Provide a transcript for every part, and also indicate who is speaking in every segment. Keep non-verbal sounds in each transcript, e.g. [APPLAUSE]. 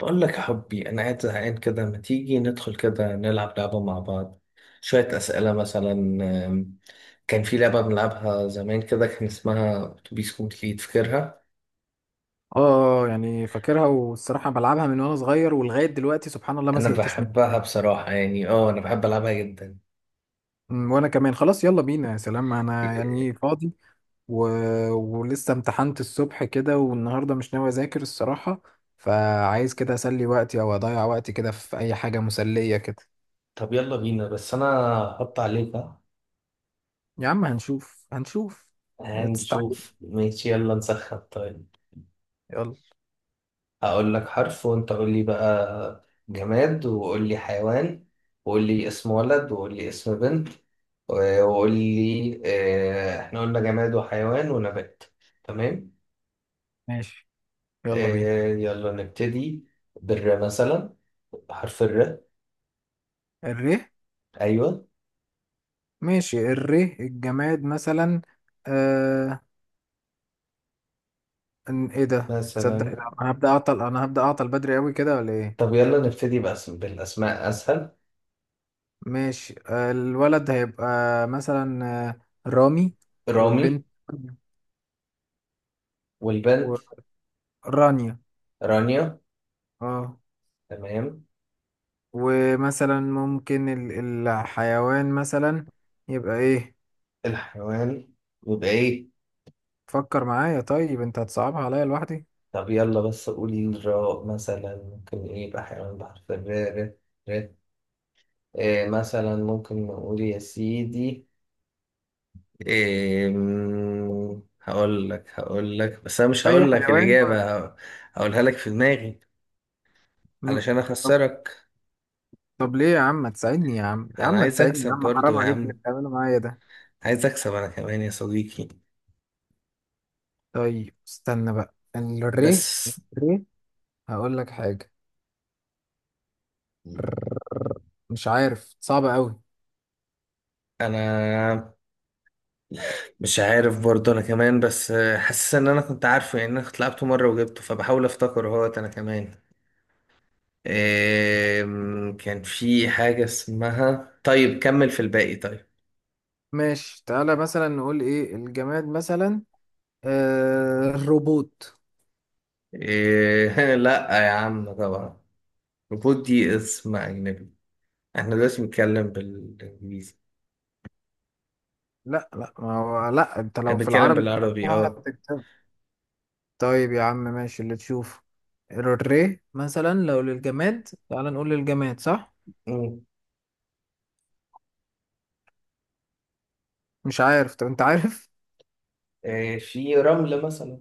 Speaker 1: بقول لك يا حبي، أنا قاعد زهقان كده، ما تيجي ندخل كده نلعب لعبة مع بعض؟ شوية أسئلة مثلا. آم، كان في لعبة بنلعبها زمان كده، كان اسمها أتوبيس كومبليت، فاكرها؟
Speaker 2: اه يعني فاكرها، والصراحة بلعبها من وانا صغير ولغاية دلوقتي، سبحان الله ما
Speaker 1: أنا
Speaker 2: زهقتش منها.
Speaker 1: بحبها بصراحة، يعني أنا بحب ألعبها جدا.
Speaker 2: وانا كمان، خلاص يلا بينا. يا سلام انا يعني
Speaker 1: إيه،
Speaker 2: فاضي و... ولسه امتحنت الصبح كده، والنهاردة مش ناوي اذاكر الصراحة، فعايز كده اسلي وقتي او اضيع وقتي كده في اي حاجة مسلية كده.
Speaker 1: طب يلا بينا، بس أنا هحط عليك.
Speaker 2: يا عم هنشوف، ما تستعجلش،
Speaker 1: هنشوف ماشي، يلا نسخن. طيب،
Speaker 2: يلا.
Speaker 1: هقول لك حرف وانت قول لي بقى جماد، وقول لي حيوان، وقول لي اسم ولد، وقول لي اسم بنت، وقول لي، احنا قلنا جماد وحيوان ونبات. تمام.
Speaker 2: ماشي، يلا بينا.
Speaker 1: يلا نبتدي بالر مثلا، حرف الر.
Speaker 2: الره.
Speaker 1: ايوه،
Speaker 2: ماشي، الره الجماد مثلا. آه، ان ايه ده؟ تصدق
Speaker 1: مثلا.
Speaker 2: انا هبدأ اعطل بدري قوي كده، ولا ايه؟
Speaker 1: طب يلا نبتدي بأسم، بالاسماء اسهل.
Speaker 2: ماشي. الولد هيبقى مثلا رامي.
Speaker 1: رامي.
Speaker 2: والبنت
Speaker 1: والبنت؟
Speaker 2: ورانيا.
Speaker 1: رانيا.
Speaker 2: اه.
Speaker 1: تمام.
Speaker 2: ومثلا ممكن الحيوان مثلا يبقى ايه؟
Speaker 1: الحيوان يبقى ايه؟
Speaker 2: فكر معايا، طيب انت هتصعبها عليا لوحدي.
Speaker 1: طب يلا، بس قولي الراء مثلا ممكن ايه يبقى حيوان بحرف الراء؟ ر- ر. إيه مثلا؟ ممكن نقول يا سيدي إيه؟ هقول لك، بس انا مش
Speaker 2: اي
Speaker 1: هقول لك
Speaker 2: حيوان؟
Speaker 1: الإجابة. هقولها لك في دماغي
Speaker 2: م-
Speaker 1: علشان
Speaker 2: طب.
Speaker 1: اخسرك.
Speaker 2: طب ليه يا عم ما تساعدني؟ يا عم يا
Speaker 1: انا
Speaker 2: عم ما
Speaker 1: عايز
Speaker 2: تساعدني، يا
Speaker 1: اكسب
Speaker 2: عم
Speaker 1: برضو
Speaker 2: حرام
Speaker 1: يا
Speaker 2: عليك اللي
Speaker 1: عم،
Speaker 2: بتعمله معايا ده.
Speaker 1: عايز اكسب انا كمان يا صديقي.
Speaker 2: طيب استنى بقى، الريه.
Speaker 1: بس
Speaker 2: الريه، هقول لك حاجة، مش عارف، صعبة قوي.
Speaker 1: انا مش عارف برضو انا كمان، بس حاسس ان انا كنت عارفه، يعني انا كنت لعبته مرة وجبته، فبحاول افتكر اهوت انا كمان. كان في حاجة اسمها، طيب كمل في الباقي طيب.
Speaker 2: ماشي، تعالى مثلا نقول ايه الجماد مثلا. آه، الروبوت.
Speaker 1: [LAUGHS] لا يا عم طبعا. ريبوت دي اسم أجنبي، احنا دلوقتي بنتكلم بالإنجليزي؟
Speaker 2: لا لا، ما هو لا، انت لو في
Speaker 1: بنتكلم
Speaker 2: العربي
Speaker 1: بالعربي
Speaker 2: كتبتها
Speaker 1: اه.
Speaker 2: هتكتب. طيب يا عم ماشي، اللي تشوفه. الري مثلا، لو للجماد، تعالى نقول للجماد، صح؟
Speaker 1: مم.
Speaker 2: مش عارف، طب انت عارف؟
Speaker 1: في رمل مثلا.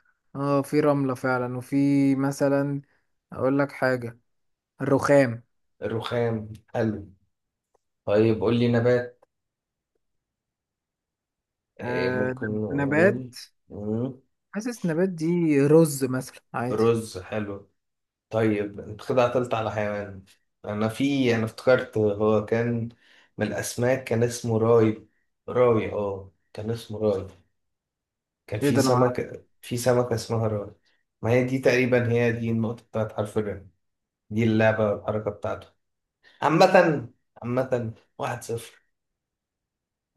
Speaker 2: [LAUGHS] اه، في رملة فعلا، وفي مثلا، اقول لك حاجة، الرخام.
Speaker 1: الرخام حلو. طيب قول لي نبات.
Speaker 2: آه،
Speaker 1: ممكن
Speaker 2: نبات.
Speaker 1: نقول. مم.
Speaker 2: حاسس نبات دي رز مثلا، عادي.
Speaker 1: رز حلو. طيب انت كده قتلت على حيوان. انا افتكرت هو كان من الاسماك، كان اسمه راي. راي، اه كان اسمه راي. كان
Speaker 2: ايه
Speaker 1: في
Speaker 2: ده؟ انا معرفش.
Speaker 1: سمك، في سمكة اسمها راي. ما هي دي تقريبا هي دي النقطة بتاعت حرف الراء، دي اللعبة والحركة بتاعته. عامة عامة 1-0.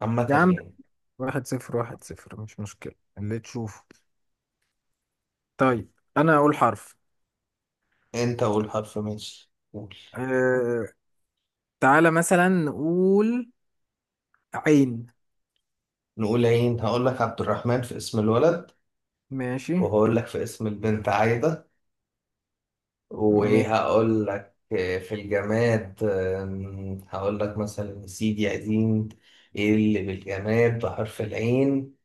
Speaker 1: عامة
Speaker 2: يا عم،
Speaker 1: يعني.
Speaker 2: واحد صفر واحد صفر مش مشكلة، اللي تشوفه. طيب أنا أقول حرف.
Speaker 1: انت قول حرف، ماشي قول.
Speaker 2: أه... تعالى مثلا نقول عين.
Speaker 1: نقول عين. هقول لك عبد الرحمن في اسم الولد،
Speaker 2: ماشي.
Speaker 1: وهقول لك في اسم البنت عايدة. وايه،
Speaker 2: ماشي.
Speaker 1: هقول لك، في الجماد، هقول لك مثلا سيدي قديم. ايه اللي بالجماد بحرف العين؟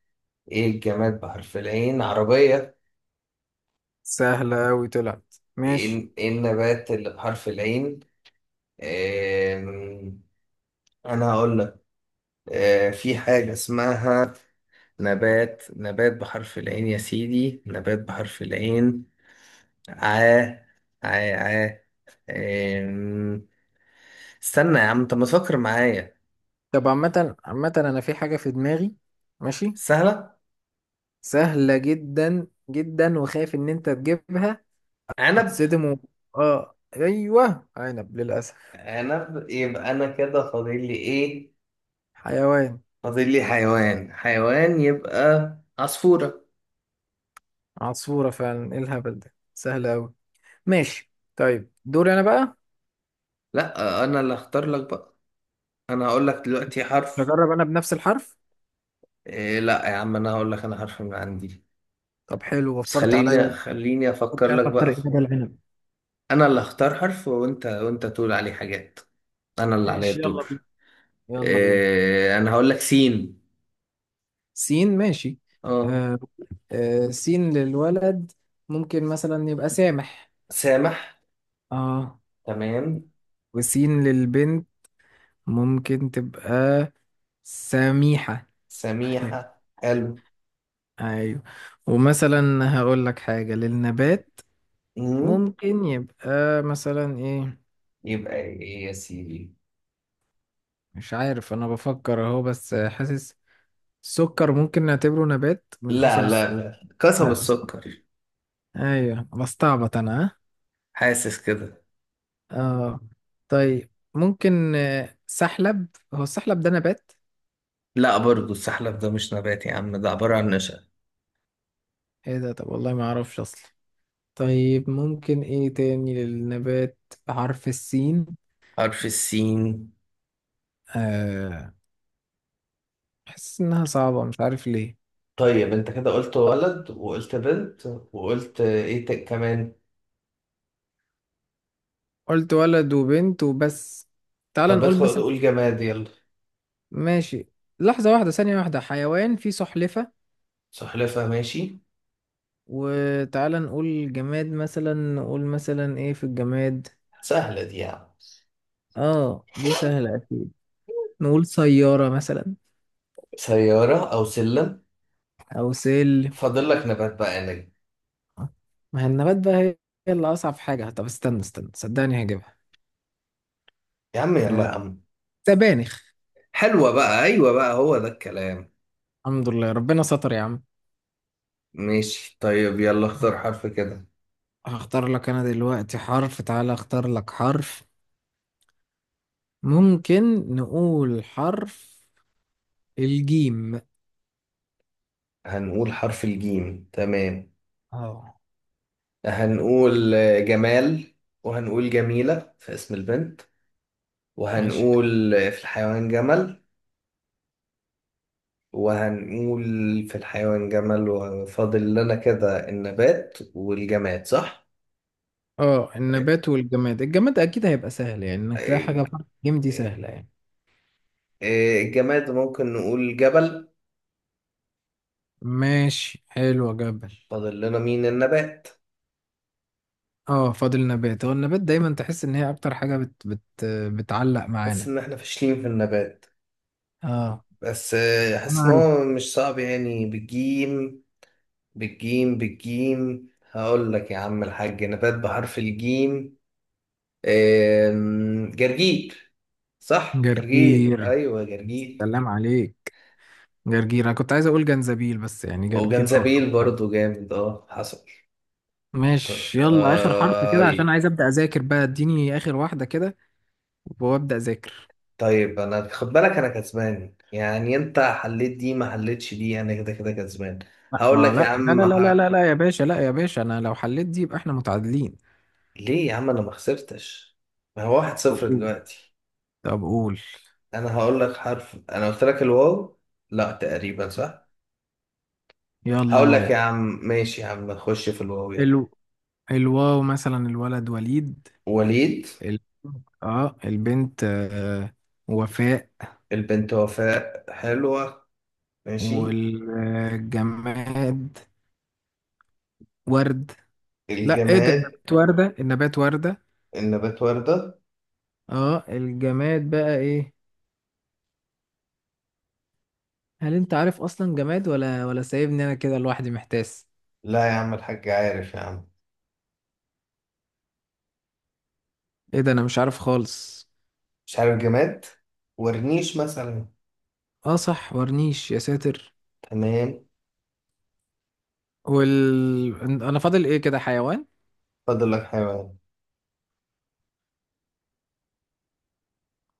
Speaker 1: ايه الجماد بحرف العين؟ عربية.
Speaker 2: سهلة أوي طلعت، ماشي.
Speaker 1: ايه، إيه النبات اللي بحرف العين؟ آم، انا هقول لك، في حاجة اسمها، نبات، نبات بحرف العين يا سيدي، نبات بحرف العين. عا، عا، عا. آم، استنى يا عم، انت ما تفكر معايا.
Speaker 2: طب عامة عامة، أنا في حاجة في دماغي. ماشي.
Speaker 1: سهلة.
Speaker 2: سهلة جدا جدا، وخايف إن أنت تجيبها.
Speaker 1: عنب.
Speaker 2: هتصدم. آه، أيوه، عنب، للأسف.
Speaker 1: عنب، يبقى انا كده فاضل لي ايه؟
Speaker 2: حيوان.
Speaker 1: فاضل لي حيوان. حيوان يبقى عصفورة.
Speaker 2: عصفورة فعلا، إيه الهبل ده؟ سهلة أوي. ماشي، طيب دوري أنا بقى.
Speaker 1: لا، انا اللي اختار لك بقى. انا هقول لك دلوقتي حرف.
Speaker 2: هجرب أنا بنفس الحرف.
Speaker 1: إيه، لا يا عم، انا هقول لك، انا حرف من عندي.
Speaker 2: طب حلو،
Speaker 1: بس
Speaker 2: وفرت
Speaker 1: خليني
Speaker 2: عليا.
Speaker 1: خليني افكر
Speaker 2: كنتش عارف
Speaker 1: لك
Speaker 2: اختار
Speaker 1: بقى.
Speaker 2: ايه بدل العنب.
Speaker 1: انا اللي اختار حرف، وانت تقول عليه حاجات، انا اللي عليا
Speaker 2: ماشي، يلا
Speaker 1: الدور.
Speaker 2: بينا، يلا بينا.
Speaker 1: إيه، انا هقول لك سين.
Speaker 2: سين، ماشي.
Speaker 1: اه،
Speaker 2: آه. آه، سين للولد ممكن مثلا يبقى سامح.
Speaker 1: سامح،
Speaker 2: اه.
Speaker 1: تمام.
Speaker 2: وسين للبنت، ممكن تبقى سميحة. [LAUGHS]
Speaker 1: سميحة حلو.
Speaker 2: ايوه. ومثلا هقول لك حاجة للنبات،
Speaker 1: مم.
Speaker 2: ممكن يبقى مثلا ايه؟
Speaker 1: يبقى ايه يا سيدي؟
Speaker 2: مش عارف، انا بفكر اهو، بس حاسس السكر ممكن نعتبره نبات، من
Speaker 1: لا
Speaker 2: قصب
Speaker 1: لا
Speaker 2: السكر.
Speaker 1: لا، قصب
Speaker 2: لا.
Speaker 1: السكر.
Speaker 2: ايوه بستعبط انا، ها؟
Speaker 1: حاسس كده.
Speaker 2: اه. طيب ممكن سحلب. هو السحلب ده نبات؟
Speaker 1: لا، برضو السحلب ده مش نبات يا عم، ده عبارة عن نشا.
Speaker 2: ايه ده؟ طب والله ما اعرفش اصلا. طيب ممكن ايه تاني للنبات، بحرف السين؟
Speaker 1: حرف السين.
Speaker 2: آه. حاسس انها صعبة، مش عارف ليه.
Speaker 1: طيب انت كده قلت ولد وقلت بنت، وقلت ايه كمان؟
Speaker 2: قلت ولد وبنت وبس. تعال
Speaker 1: طب
Speaker 2: نقول
Speaker 1: ادخل
Speaker 2: مثلا.
Speaker 1: تقول جماد يلا.
Speaker 2: ماشي، لحظة واحدة، ثانية واحدة، حيوان فيه سلحفة.
Speaker 1: سلحفاة ماشي.
Speaker 2: وتعال نقول جماد، مثلا نقول مثلا ايه في الجماد.
Speaker 1: سهلة دي يا عم.
Speaker 2: اه دي سهلة أكيد. نقول سيارة مثلا.
Speaker 1: سيارة، أو سلم.
Speaker 2: أو سلم.
Speaker 1: فاضل لك نبات بقى، نجم.
Speaker 2: ما هي النبات بقى هي، هي اللي أصعب حاجة. طب استنى استنى، صدقني هجيبها.
Speaker 1: يا عم يلا، يا
Speaker 2: أه،
Speaker 1: عم.
Speaker 2: سبانخ.
Speaker 1: حلوة بقى، أيوة بقى، هو ده الكلام.
Speaker 2: الحمد لله ربنا ستر يا عم.
Speaker 1: ماشي، طيب يلا اختار حرف كده.
Speaker 2: هختار لك أنا دلوقتي حرف، تعالى أختار لك حرف. ممكن نقول حرف الجيم.
Speaker 1: هنقول حرف الجيم، تمام.
Speaker 2: اه.
Speaker 1: هنقول جمال، وهنقول جميلة في اسم البنت،
Speaker 2: ماشي.
Speaker 1: وهنقول في الحيوان جمل. وهنقول في الحيوان جمل، وفاضل لنا كده النبات والجماد صح؟
Speaker 2: اه، النبات والجماد. الجماد أكيد هيبقى سهل، يعني إنك تلاقي حاجة
Speaker 1: إيه-
Speaker 2: بحرف الجيم دي سهلة يعني.
Speaker 1: إيه، الجماد ممكن نقول جبل.
Speaker 2: ماشي حلو، يا جبل.
Speaker 1: فاضل لنا مين النبات.
Speaker 2: اه فاضل النبات. هو النبات دايما تحس ان هي اكتر حاجة بت بتعلق
Speaker 1: حاسس
Speaker 2: معانا.
Speaker 1: ان احنا فاشلين في النبات،
Speaker 2: اه،
Speaker 1: بس
Speaker 2: انا
Speaker 1: حاسس ان
Speaker 2: عارف.
Speaker 1: هو مش صعب يعني بالجيم هقول لك يا عم الحاج، نبات بحرف الجيم، جرجير. صح جرجير،
Speaker 2: جرجير،
Speaker 1: ايوه جرجير.
Speaker 2: سلام عليك. جرجير، انا كنت عايز اقول جنزبيل، بس يعني جرجير اقرب.
Speaker 1: وجنزبيل برضو جامد، اه حصل.
Speaker 2: ماشي، يلا اخر حرف
Speaker 1: آه.
Speaker 2: كده، عشان عايز ابدا اذاكر بقى، اديني اخر واحدة كده وابدا اذاكر.
Speaker 1: طيب انا خد بالك انا كسبان يعني، انت حليت دي ما حليتش دي، انا كده كده كسبان.
Speaker 2: لا
Speaker 1: هقول
Speaker 2: ما
Speaker 1: لك يا
Speaker 2: لا لا
Speaker 1: عم،
Speaker 2: لا لا لا لا لا يا باشا، لا يا باشا، انا لو حليت دي يبقى احنا متعادلين.
Speaker 1: ليه يا عم انا ما خسرتش؟ ما هو واحد
Speaker 2: طب
Speaker 1: صفر
Speaker 2: قول،
Speaker 1: دلوقتي.
Speaker 2: طب قول.
Speaker 1: انا هقول لك حرف، انا قلت لك الواو، لا تقريبا صح.
Speaker 2: يلا
Speaker 1: هقول لك يا
Speaker 2: واو.
Speaker 1: عم، ماشي يا عم، خش في الواو يلا.
Speaker 2: الو. الواو مثلا، الولد وليد.
Speaker 1: وليد.
Speaker 2: ال... اه البنت، آه، وفاء.
Speaker 1: البنت وفاء، حلوة. ماشي.
Speaker 2: والجماد ورد. لا، ايه ده،
Speaker 1: الجماد،
Speaker 2: النبات وردة، النبات وردة.
Speaker 1: النبات وردة.
Speaker 2: اه الجماد بقى ايه؟ هل انت عارف اصلا جماد، ولا سايبني انا كده لوحدي محتاس؟
Speaker 1: لا يا عم الحاج عارف يا عم.
Speaker 2: ايه ده، انا مش عارف خالص.
Speaker 1: مش عارف جماد. ورنيش مثلا.
Speaker 2: اه صح، ورنيش، يا ساتر.
Speaker 1: تمام.
Speaker 2: وال، انا فاضل ايه كده، حيوان.
Speaker 1: فاضل لك حيوان.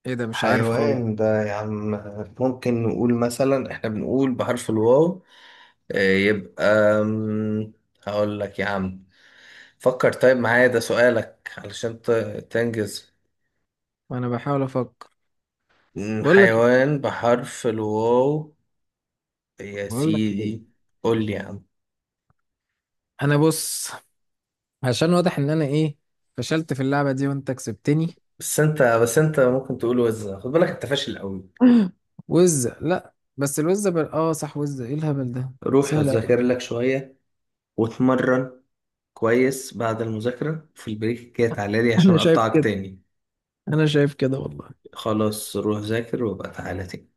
Speaker 2: ايه ده، مش عارف
Speaker 1: حيوان
Speaker 2: خالص.
Speaker 1: ده يا عم، ممكن نقول مثلا، احنا بنقول بحرف الواو، يبقى، أم، هقول لك يا عم، فكر طيب معايا ده سؤالك علشان تنجز.
Speaker 2: انا بحاول افكر. بقول لك،
Speaker 1: حيوان بحرف الواو يا
Speaker 2: بقول لك
Speaker 1: سيدي.
Speaker 2: ايه،
Speaker 1: قول لي يا عم.
Speaker 2: انا بص، عشان واضح ان انا ايه، فشلت في اللعبة دي وانت كسبتني.
Speaker 1: بس انت ممكن تقول وزة. خد بالك انت فاشل قوي.
Speaker 2: وز لا بس الوز بل... اه صح، وز، ايه الهبل ده،
Speaker 1: روح
Speaker 2: سهل قوي.
Speaker 1: ذاكر لك شوية واتمرن كويس، بعد المذاكرة في البريك كده تعالى لي
Speaker 2: [LAUGHS]
Speaker 1: عشان
Speaker 2: انا شايف
Speaker 1: اقطعك
Speaker 2: كده،
Speaker 1: تاني.
Speaker 2: انا شايف كده والله.
Speaker 1: خلاص روح ذاكر، وابقى تعالى تاني.